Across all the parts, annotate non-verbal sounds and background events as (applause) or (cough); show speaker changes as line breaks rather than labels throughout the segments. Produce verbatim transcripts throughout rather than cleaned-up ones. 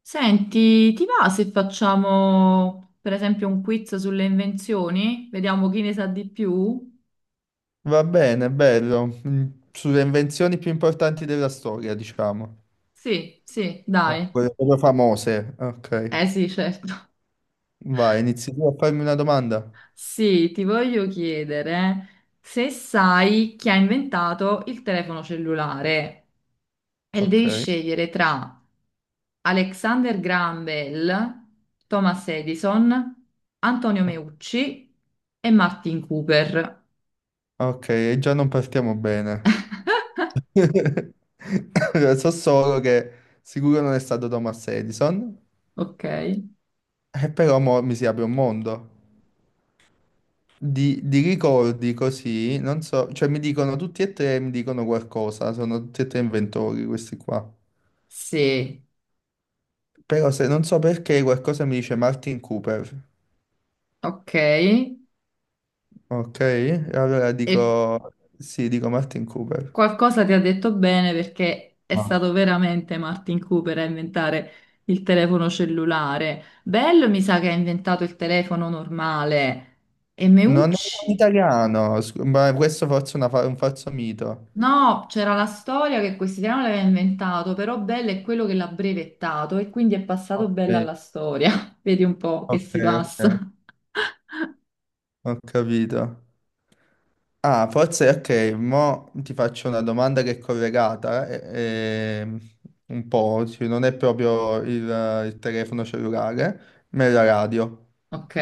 Senti, ti va se facciamo per esempio un quiz sulle invenzioni? Vediamo chi ne sa di più?
Va bene, bello. Mm, Sulle invenzioni più importanti della storia, diciamo.
Sì, sì,
Ah,
dai.
quelle proprio famose. Ok.
Eh sì, certo.
Vai, inizi tu a farmi una domanda.
Sì, ti voglio chiedere se sai chi ha inventato il telefono cellulare e devi
Ok.
scegliere tra Alexander Graham Bell, Thomas Edison, Antonio
O-
Meucci e Martin Cooper.
Ok, e già non partiamo bene. (laughs) So solo che sicuro non è stato Thomas Edison,
Ok?
e però mo mi si apre un mondo. Di, di ricordi così, non so, cioè mi dicono tutti e tre, mi dicono qualcosa, sono tutti e tre inventori questi qua.
Sì.
Però se non so perché qualcosa mi dice Martin Cooper,
Ok,
ok? E allora
e
dico, sì, dico Martin Cooper.
qualcosa ti ha detto bene perché è stato
Ah.
veramente Martin Cooper a inventare il telefono cellulare. Bello mi sa che ha inventato il telefono normale. E
Non è un
Meucci?
italiano, scu- ma questo forse è una fa- un falso mito.
No, c'era la storia che quest'italiano l'aveva inventato, però Bell è quello che l'ha brevettato e quindi è passato Bell
Ok,
alla storia. (laughs) Vedi un po' che
ok,
si passa.
ok,
(laughs)
ho capito. Ah, forse, ok, mo ti faccio una domanda che è collegata, eh, ehm, un po', sì, non è proprio il, il telefono cellulare, ma è la radio.
Ok.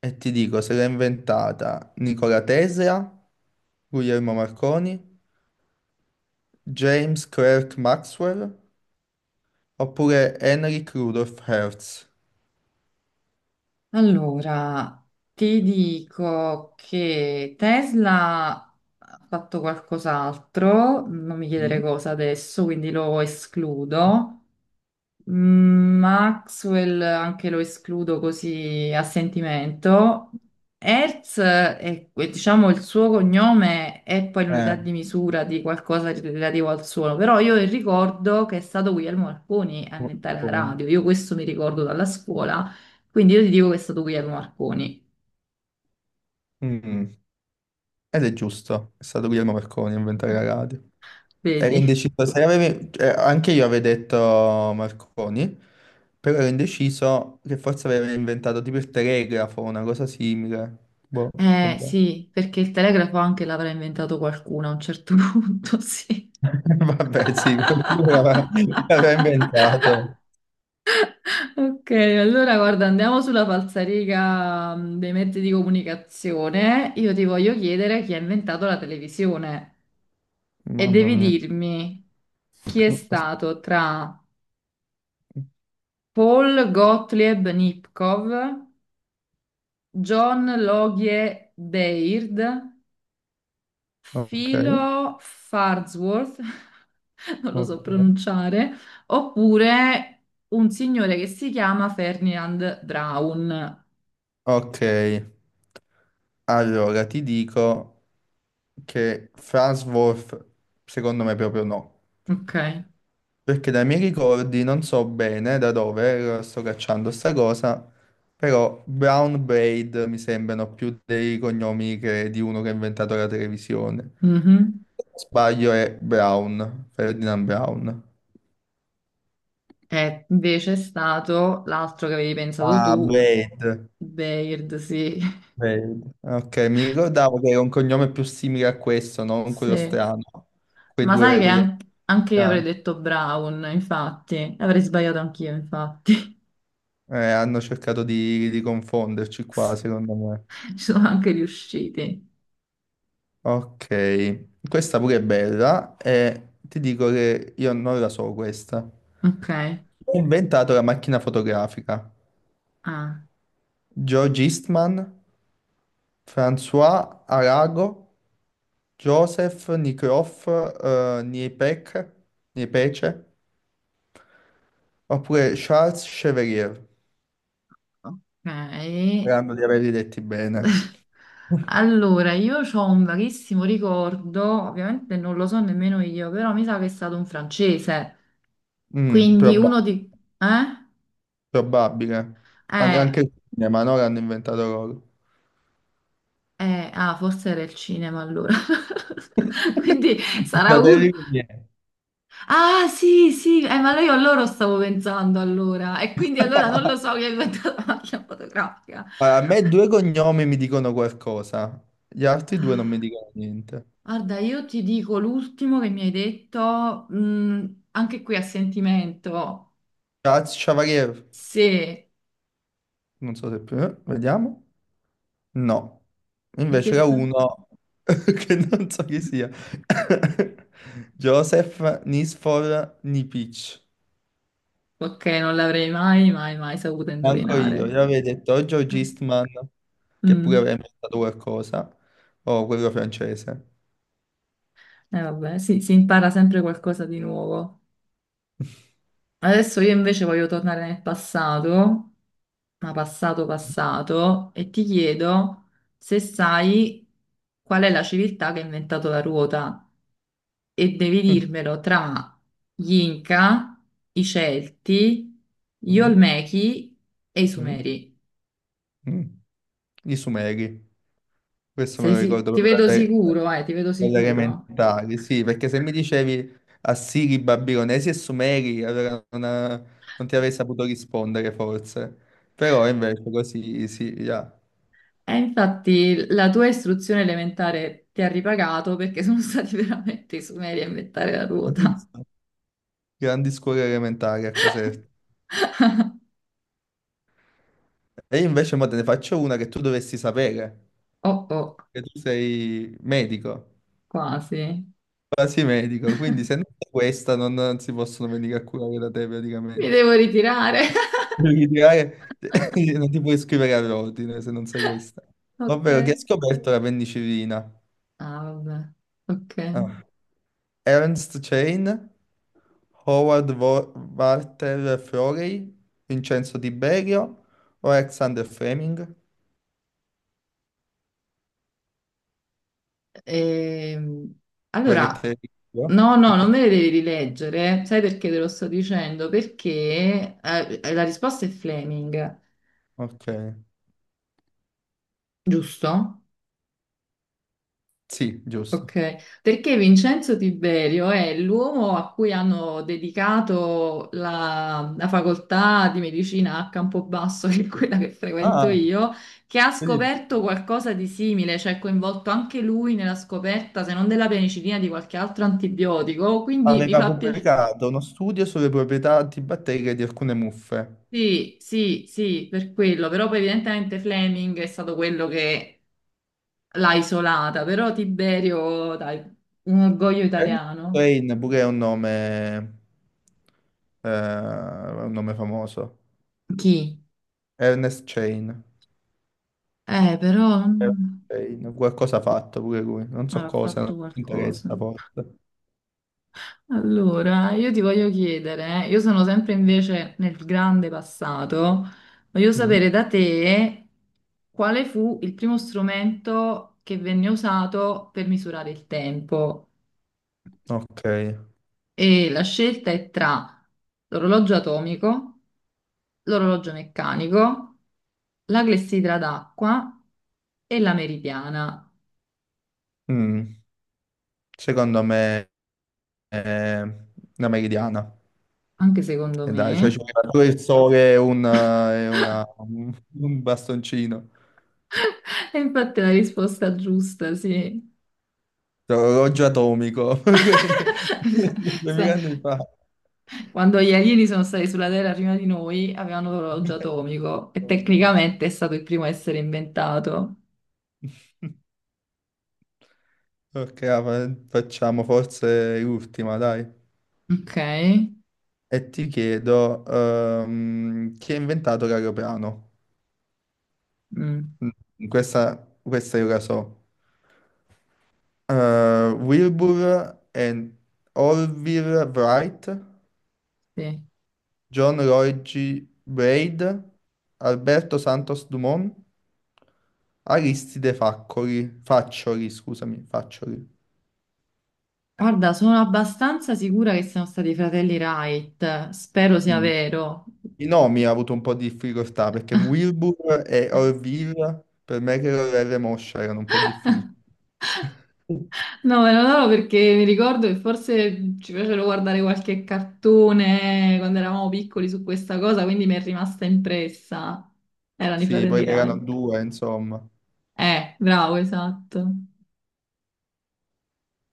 E ti dico, se l'ha inventata Nikola Tesla, Guglielmo Marconi, James Clerk Maxwell oppure Henrik Rudolf Hertz.
Allora, ti dico che Tesla ha fatto qualcos'altro, non mi chiedere
Mm.
cosa adesso, quindi lo escludo. Mm, Maxwell anche lo escludo così a sentimento. Hertz eh, è, è, diciamo, il suo cognome è poi
Eh,
l'unità di misura di qualcosa di- relativo al suono, però io ricordo che è stato Guglielmo Marconi a inventare la
Marconi.
radio, io questo mi ricordo dalla scuola, quindi io ti dico che è stato Guglielmo Marconi,
Mm. Ed è giusto, è stato Guglielmo Marconi a inventare la radio. Ero
vedi?
indeciso, se avevi- eh, anche io avevo detto Marconi, però ero indeciso che forse aveva inventato tipo il telegrafo, una cosa simile. Boh,
Eh
vabbè.
sì, perché il telegrafo anche l'avrà inventato qualcuno a un certo (laughs) punto, sì.
(laughs)
(laughs)
Vabbè, sì, qualcuno l'aveva l'aveva inventato.
Ok, allora guarda, andiamo sulla falsariga mh, dei mezzi di comunicazione. Io ti voglio chiedere chi ha inventato la televisione e
Mamma
devi
mia.
dirmi chi è stato tra Paul Gottlieb Nipkow, John Logie Baird,
Ok,
Philo Farnsworth, (laughs) non lo so
ok.
pronunciare, oppure un signore che si chiama Ferdinand Braun.
Ok, allora ti dico che Farnsworth secondo me proprio no.
Ok.
Perché dai miei ricordi non so bene da dove eh, sto cacciando sta cosa, però Brown Braid mi sembrano più dei cognomi che- di uno che ha inventato la televisione.
Mhm.
Sbaglio, è Brown, Ferdinand Brown.
È invece stato l'altro che avevi pensato
Ah,
tu,
Braid.
Baird, sì. (laughs)
Wade. Ok, mi ricordavo che era un cognome più simile a questo, non quello
Sì.
strano. Quei
Ma sai
due,
che
quegli
an- anche io avrei
africani.
detto Brown, infatti. Avrei sbagliato anch'io, infatti.
Eh, hanno cercato di, di confonderci qua,
(laughs)
secondo me.
Ci sono anche riusciti.
Ok, questa pure è bella e ti dico che io non la so questa.
Ok.
Chi ha inventato la macchina fotografica?
Ah,
George Eastman, François Arago, Joseph Nicroft, eh, Niepec- Niepce, oppure Charles Chevalier.
ok.
Sperando di averli letti bene.
(laughs) Allora, io ho un vaghissimo ricordo, ovviamente non lo so nemmeno io, però mi sa che è stato un francese.
Mm,
Quindi
proba-
uno di... Eh?
Probabile. An- anche
Eh,
il cinema, no? L'hanno inventato loro.
Eh, ah, forse era il cinema allora. (laughs)
(laughs)
Quindi sarà uno.
Fratelli Lumiere.
Ah, sì, sì, eh, ma io a loro stavo pensando allora. E quindi allora non lo so che è inventato la macchina fotografica.
Allora, a me due cognomi mi dicono qualcosa, gli altri due non mi
Ah,
dicono niente.
guarda, io ti dico l'ultimo che mi hai detto, mm, anche qui a sentimento.
Charles Chevalier,
Se...
non so se più, eh, vediamo. No,
Perché
invece era
sta?
uno (laughs) che non so chi sia. (coughs) (laughs) Joseph Nisfor Nipic.
Ok, non l'avrei mai, mai, mai saputo
Manco io,
indovinare.
io avevo detto o George Eastman che pure aveva
Mm.
inventato qualcosa, o quello francese.
Eh, vabbè, sì, si impara sempre qualcosa di nuovo. Adesso io invece voglio tornare nel passato, ma passato passato, e ti chiedo se sai qual è la civiltà che ha inventato la ruota e devi
Mm,
dirmelo tra gli Inca, i Celti, gli
mm,
Olmechi e i
mm,
Sumeri.
mm. I Sumeri, questo me
Sei
lo
si-
ricordo
ti
proprio
vedo
dalle,
sicuro, eh, ti vedo
dalle
sicuro.
elementari, sì, perché se mi dicevi Assiri, Babilonesi e Sumeri, allora non, non ti avrei saputo rispondere forse, però invece così sì, ya.
E infatti la tua istruzione elementare ti ha ripagato perché sono stati (laughs) veramente i Sumeri a inventare la ruota.
Grandi scuole elementari a Caserta. E io invece mo te ne faccio una che tu dovresti sapere,
Oh oh.
che tu sei medico.
Quasi.
Quasi medico, quindi se non è questa non, non si possono venire a curare da te
Mi
praticamente.
devo ritirare. (laughs)
Devi tirare- (laughs) non ti puoi iscrivere all'ordine se non sai questa.
Ok.
Ovvero, chi ha scoperto la penicillina?
Ah, vabbè. Ok.
Ah. Ernst Chain, Howard Wo- Walter Florey, Vincenzo Tiberio o Alexander Fleming?
Ehm,
Vuoi che te
allora,
le dico?
no,
Più
no, non
piano.
me le devi rileggere. Sai perché te lo sto dicendo? Perché eh, la risposta è Fleming,
Ok,
giusto?
sì, giusto.
Ok, perché Vincenzo Tiberio è l'uomo a cui hanno dedicato la, la facoltà di medicina a Campobasso, (laughs) che è quella che frequento
Ah,
io, che ha
vedi,
scoperto qualcosa di simile, cioè è coinvolto anche lui nella scoperta, se non della penicillina, di qualche altro antibiotico. Quindi mi
aveva
fa piacere.
pubblicato uno studio sulle proprietà antibatteriche di alcune muffe.
Sì, sì, sì, per quello, però poi evidentemente Fleming è stato quello che l'ha isolata, però Tiberio, dai, un orgoglio
Ernest
italiano.
Wayne pure è un nome, eh, un nome famoso.
Chi?
Ernest Chain.
Eh, però
Ernest
mm,
Chain, qualcosa ha fatto pure lui. Non so
avrà
cosa, non
fatto
ci
qualcosa.
interessa forse.
Allora, io ti voglio chiedere, eh, io sono sempre invece nel grande passato, voglio sapere
Mm.
da te quale fu il primo strumento che venne usato per misurare il tempo.
Ok.
E la scelta è tra l'orologio atomico, l'orologio meccanico, la clessidra d'acqua e la meridiana,
Mm. Secondo me è una meridiana.
anche secondo
E dai, cioè ci
me.
vuole pure il sole e una, e una- un bastoncino.
E infatti è la risposta giusta, sì.
Orologio atomico. (laughs)
(laughs)
duemila
Sa-
anni fa.
quando gli alieni sono stati sulla Terra prima di noi, avevano l'orologio
(laughs) Insomma.
atomico e tecnicamente è stato il primo a essere inventato.
Ok, ah, fa- facciamo forse l'ultima, dai.
Ok?
E ti chiedo, ehm, chi ha inventato l'aeroplano?
Mm,
Mm, Questa, questa io la so. Eh, Wilbur and Orville Wright,
sì.
John Lloyd G. Braid, Alberto Santos Dumont, Aristide Faccoli, Faccioli, scusami, Faccioli.
Guarda, sono abbastanza sicura che siano stati i fratelli Wright. Spero sia
Mm.
vero.
I nomi ha avuto un po' di difficoltà perché Wilbur e Orville per me che erano R. Moscia erano un po' difficili.
No, me lo do perché mi ricordo che forse ci facevano guardare qualche cartone quando eravamo piccoli su questa cosa, quindi mi è rimasta impressa. Erano i
Sì,
fratelli
poi che erano
Wright.
due, insomma.
Eh, bravo, esatto.